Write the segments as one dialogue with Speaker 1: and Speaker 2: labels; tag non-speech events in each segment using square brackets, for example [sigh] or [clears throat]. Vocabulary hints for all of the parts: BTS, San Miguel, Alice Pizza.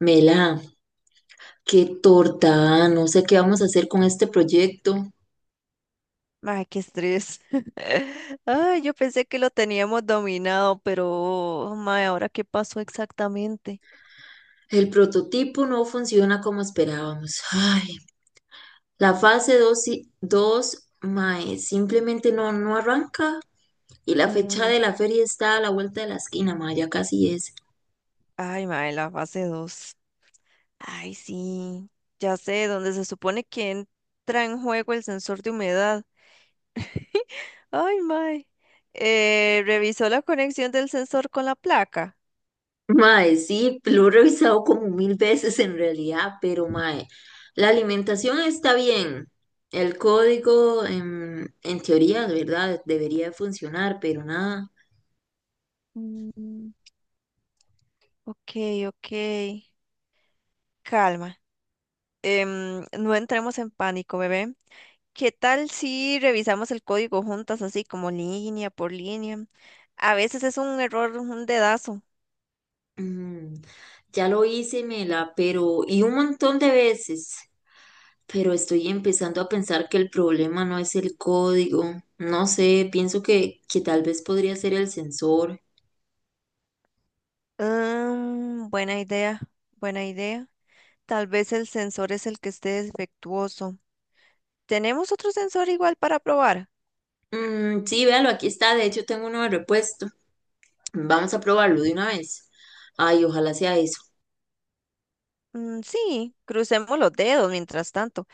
Speaker 1: Mela, qué torta, ah, no sé qué vamos a hacer con este proyecto.
Speaker 2: Ay, qué estrés. [laughs] Ay, yo pensé que lo teníamos dominado, pero, mae, ¿ahora qué pasó exactamente?
Speaker 1: El prototipo no funciona como esperábamos. Ay, la fase 2 y 2 mae, simplemente no, no arranca. Y la fecha
Speaker 2: Mm.
Speaker 1: de la feria está a la vuelta de la esquina, mae, ya casi es.
Speaker 2: Ay, mae, la fase 2. Ay, sí. Ya sé, donde se supone que entra en juego el sensor de humedad. [laughs] Ay, mae. Revisó la conexión del sensor con la placa.
Speaker 1: Mae, sí, lo he revisado como mil veces en realidad, pero mae, la alimentación está bien. El código, en teoría, de verdad, debería de funcionar, pero nada.
Speaker 2: Mm, ok, ok. Calma. No entremos en pánico, bebé. ¿Qué tal si revisamos el código juntas, así como línea por línea? A veces es un error, un dedazo.
Speaker 1: Mm, ya lo hice, Mela, pero y un montón de veces, pero estoy empezando a pensar que el problema no es el código. No sé, pienso que tal vez podría ser el sensor.
Speaker 2: Mm, buena idea, buena idea. Tal vez el sensor es el que esté defectuoso. ¿Tenemos otro sensor igual para probar?
Speaker 1: Mm, sí, véalo, aquí está, de hecho tengo uno de repuesto. Vamos a probarlo de una vez. Ay, ojalá sea eso.
Speaker 2: Mm, sí, crucemos los dedos mientras tanto.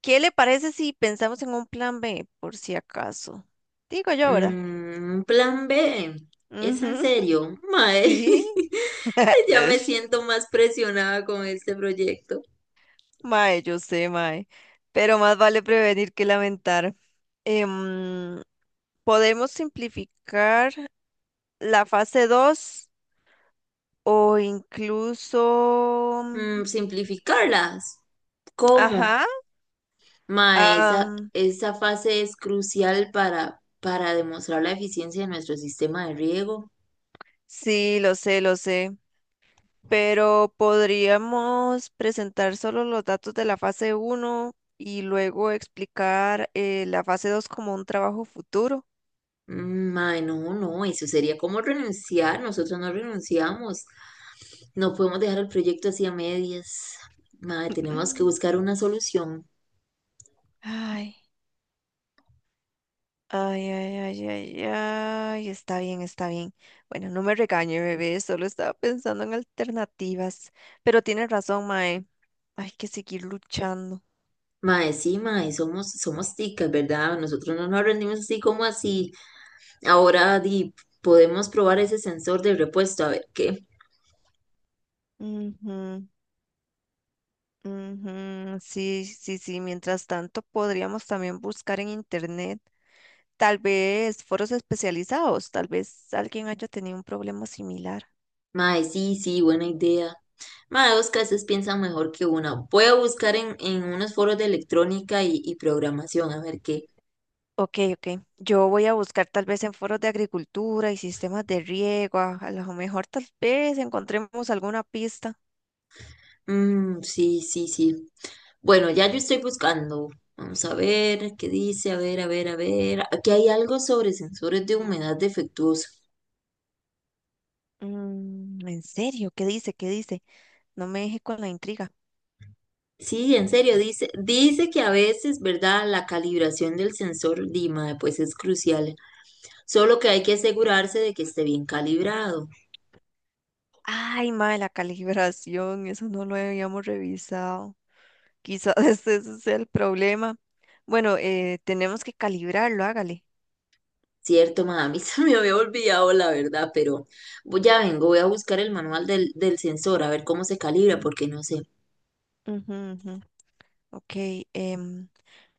Speaker 2: ¿Qué le parece si pensamos en un plan B, por si acaso? Digo yo, ¿verdad?
Speaker 1: Plan B, ¿es en
Speaker 2: Ujú,
Speaker 1: serio?
Speaker 2: [laughs]
Speaker 1: Mae,
Speaker 2: sí.
Speaker 1: [laughs] ya me
Speaker 2: [laughs]
Speaker 1: siento más presionada con este proyecto.
Speaker 2: Mae, yo sé, mae. Pero más vale prevenir que lamentar. Em, Podemos simplificar la fase 2 o incluso...
Speaker 1: Simplificarlas. ¿Cómo?
Speaker 2: ajá.
Speaker 1: Ma, esa,
Speaker 2: am,
Speaker 1: esa fase es crucial para demostrar la eficiencia de nuestro sistema de riego.
Speaker 2: sí, lo sé, lo sé. Pero podríamos presentar solo los datos de la fase uno y luego explicar la fase 2 como un trabajo futuro.
Speaker 1: Ma, no, no, eso sería como renunciar. Nosotros no renunciamos. No podemos dejar el proyecto así a medias. Ma, tenemos que
Speaker 2: [clears throat]
Speaker 1: buscar una solución.
Speaker 2: Ay. Ay, ay, ay, ay, ay, está bien, está bien. Bueno, no me regañe, bebé, solo estaba pensando en alternativas. Pero tienes razón, Mae, hay que seguir luchando.
Speaker 1: Ma, sí, ma, somos ticas, ¿verdad? Nosotros no nos rendimos así como así. Ahora, di, podemos probar ese sensor de repuesto, a ver qué.
Speaker 2: Ujú, ujú, sí, sí, sí, mientras tanto podríamos también buscar en internet, tal vez foros especializados, tal vez alguien haya tenido un problema similar.
Speaker 1: Ma, sí, sí, buena idea. Mae, Oscar, ustedes piensan mejor que una. Voy a buscar en unos foros de electrónica y programación, a ver qué.
Speaker 2: Ok, ok. Yo voy a buscar tal vez en foros de agricultura y sistemas de riego. A lo mejor tal vez encontremos alguna pista.
Speaker 1: Mm, sí, sí, sí. Bueno, ya yo estoy buscando. Vamos a ver qué dice, a ver, a ver, a ver. Aquí hay algo sobre sensores de humedad defectuoso.
Speaker 2: Mm, ¿en serio? ¿Qué dice? ¿Qué dice? No me deje con la intriga.
Speaker 1: Sí, en serio, dice que a veces, ¿verdad? La calibración del sensor Dima, pues es crucial. Solo que hay que asegurarse de que esté bien calibrado.
Speaker 2: Ay, madre, la calibración, eso no lo habíamos revisado. Quizás [laughs] ese sea el problema. Bueno, tenemos que calibrarlo, hágale.
Speaker 1: Cierto, ma, a mí [laughs] se me había olvidado la verdad, pero ya vengo, voy a buscar el manual del sensor, a ver cómo se calibra, porque no sé.
Speaker 2: Ujú, ujú. Ok, em,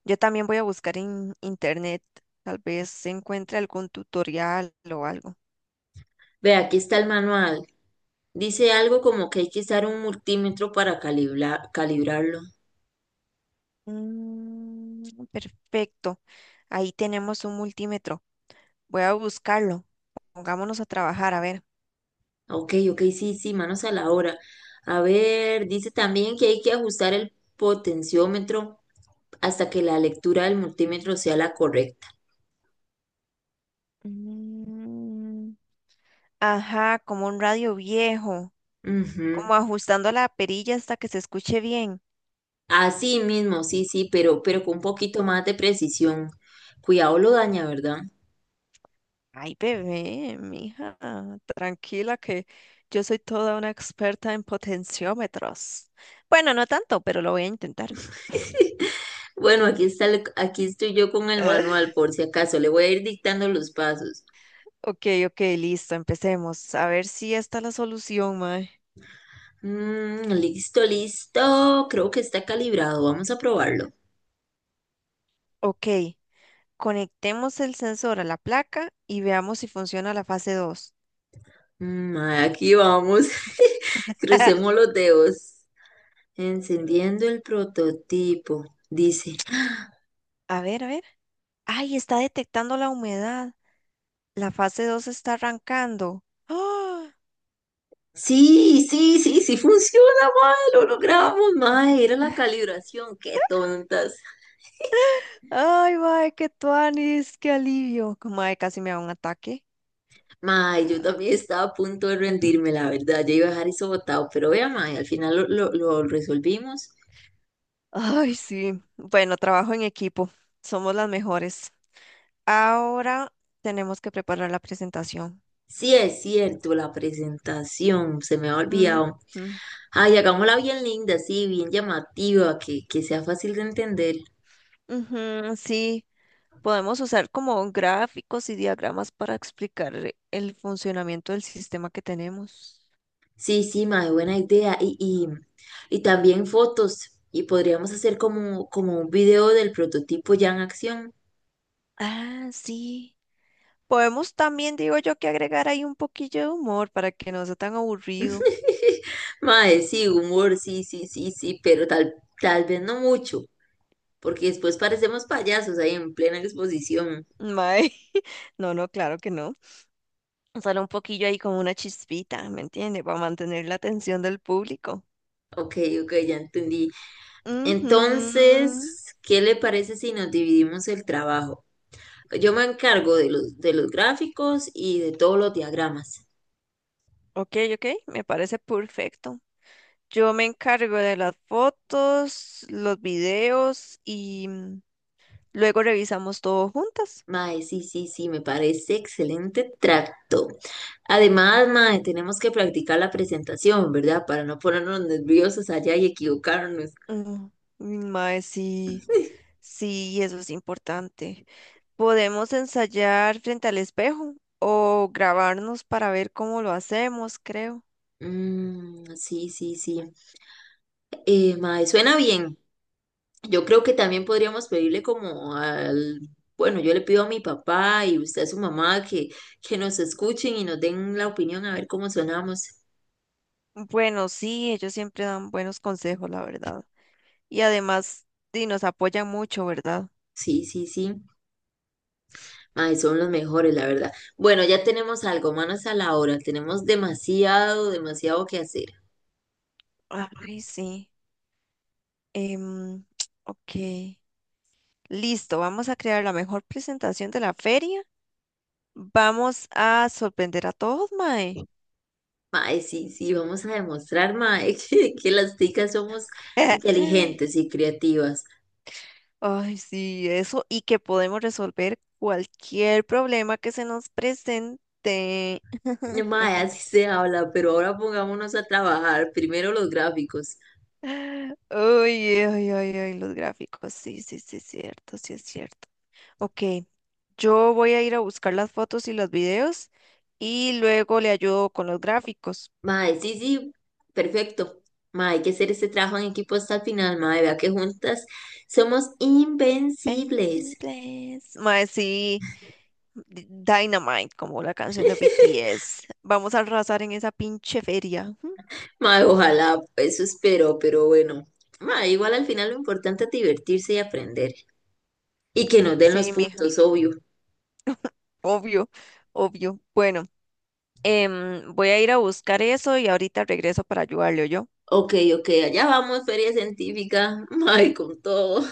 Speaker 2: yo también voy a buscar en internet. Tal vez se encuentre algún tutorial o algo.
Speaker 1: Ve, aquí está el manual. Dice algo como que hay que usar un multímetro para calibrarlo.
Speaker 2: Mm, perfecto. Ahí tenemos un multímetro. Voy a buscarlo. Pongámonos a trabajar, a ver.
Speaker 1: Ok, ok, sí, sí, manos a la obra. A ver, dice también que hay que ajustar el potenciómetro hasta que la lectura del multímetro sea la correcta.
Speaker 2: Mm, ajá, como un radio viejo,
Speaker 1: Ujú.
Speaker 2: como ajustando la perilla hasta que se escuche bien.
Speaker 1: Así mismo, sí, sí, pero con un poquito más de precisión. Cuidado lo daña, ¿verdad?
Speaker 2: Ay, bebé, mija, tranquila que yo soy toda una experta en potenciómetros. Bueno, no tanto, pero lo voy a intentar.
Speaker 1: [laughs] Bueno, aquí está, aquí estoy yo con el manual,
Speaker 2: [laughs]
Speaker 1: por si acaso. Le voy a ir dictando los pasos.
Speaker 2: Ok, ok, listo, empecemos. A ver si esta es la solución, mae.
Speaker 1: Mm, listo, listo. Creo que está calibrado. Vamos a probarlo.
Speaker 2: Ok, conectemos el sensor a la placa y veamos si funciona la fase 2.
Speaker 1: Aquí vamos. [laughs] Crucemos
Speaker 2: [laughs]
Speaker 1: los dedos. Encendiendo el prototipo. Dice,
Speaker 2: A ver, a ver. Ay, está detectando la humedad. La fase 2 está arrancando. ¡Ah!
Speaker 1: sí, sí, sí, sí funciona, mae, lo logramos, mae, era la
Speaker 2: [laughs]
Speaker 1: calibración, qué tontas. [laughs]
Speaker 2: Ay, mae, qué tuanis, qué alivio. Mae, casi me da un ataque.
Speaker 1: Mae, yo también estaba a punto de rendirme, la verdad. Yo iba a dejar eso botado, pero vea, mae, al final lo resolvimos.
Speaker 2: Ay, sí. Bueno, trabajo en equipo. Somos las mejores. Ahora tenemos que preparar la presentación.
Speaker 1: Sí, es cierto, la presentación, se me ha
Speaker 2: Mm,
Speaker 1: olvidado.
Speaker 2: mm.
Speaker 1: Ay, hagámosla bien linda, sí, bien llamativa, que sea fácil de entender.
Speaker 2: Ujú, sí, podemos usar como gráficos y diagramas para explicar el funcionamiento del sistema que tenemos.
Speaker 1: Sí, sí, mae, buena idea. Y también fotos. Y podríamos hacer como un video del prototipo ya en acción.
Speaker 2: Ah, sí. Podemos también, digo yo, que agregar ahí un poquillo de humor para que no sea tan aburrido.
Speaker 1: [laughs] Mae, sí, humor, sí, sí, sí, sí, pero tal vez no mucho, porque después parecemos payasos ahí en plena exposición.
Speaker 2: Mae, [laughs] no, no, claro que no. Solo un poquillo ahí como una chispita, ¿me entiende? Para mantener la atención del público.
Speaker 1: Ok, ok, ya entendí.
Speaker 2: Ujú.
Speaker 1: Entonces, ¿qué le parece si nos dividimos el trabajo? Yo me encargo de los gráficos y de todos los diagramas.
Speaker 2: Ok, ok, me parece perfecto. Yo me encargo de las fotos, los videos y mm, luego revisamos todo juntas.
Speaker 1: Mae, sí, sí, sí, me parece excelente tracto. Además, mae, tenemos que practicar la presentación, ¿verdad? Para no ponernos nerviosos allá y equivocarnos.
Speaker 2: Mm, mm, Mae, sí.
Speaker 1: [laughs]
Speaker 2: Sí, eso es importante. Podemos ensayar frente al espejo o grabarnos para ver cómo lo hacemos, creo.
Speaker 1: Mm, sí, sí, sí. Mae, suena bien. Yo creo que también podríamos pedirle como bueno, yo le pido a mi papá y usted a su mamá que, nos escuchen y nos den la opinión a ver cómo sonamos.
Speaker 2: Bueno, sí, ellos siempre dan buenos consejos, la verdad. Y además, sí, nos apoyan mucho, ¿verdad?
Speaker 1: Sí, sí, sí. Ay, son los mejores, la verdad. Bueno, ya tenemos algo, manos a la hora. Tenemos demasiado, demasiado que hacer.
Speaker 2: Ay, sí. Em, [tsk] ok. Listo, vamos a crear la mejor presentación de la feria. Vamos a sorprender a todos, Mae.
Speaker 1: Mae, sí, sí, vamos a demostrar, mae, [laughs] que las ticas somos
Speaker 2: [laughs]
Speaker 1: inteligentes y creativas.
Speaker 2: Ay, sí, eso, y que podemos resolver cualquier problema que se nos presente. [laughs]
Speaker 1: Mae, así se habla, pero ahora pongámonos a trabajar. Primero los gráficos.
Speaker 2: Ay, ay, ay, ay, los gráficos, sí, sí, sí, es cierto, sí es cierto. Ok, yo voy a ir a buscar las fotos y los videos y luego le ayudo con los gráficos.
Speaker 1: Mae, sí, sí, perfecto. Mae, hay que hacer este trabajo en equipo hasta el final, mae, vea que juntas somos
Speaker 2: Benzey
Speaker 1: invencibles.
Speaker 2: Blaze. Mae, sí, Dynamite, como la canción de BTS. Vamos a arrasar en esa pinche feria. Ujú.
Speaker 1: Mae, ojalá, eso espero, pero bueno. Mae, igual al final lo importante es divertirse y aprender. Y que nos den los
Speaker 2: Sí, mija,
Speaker 1: puntos, obvio.
Speaker 2: obvio, obvio. Bueno. Voy a ir a buscar eso y ahorita regreso para ayudarle, yo.
Speaker 1: Ok, ok, allá vamos, feria científica. [laughs] Mae, con todo.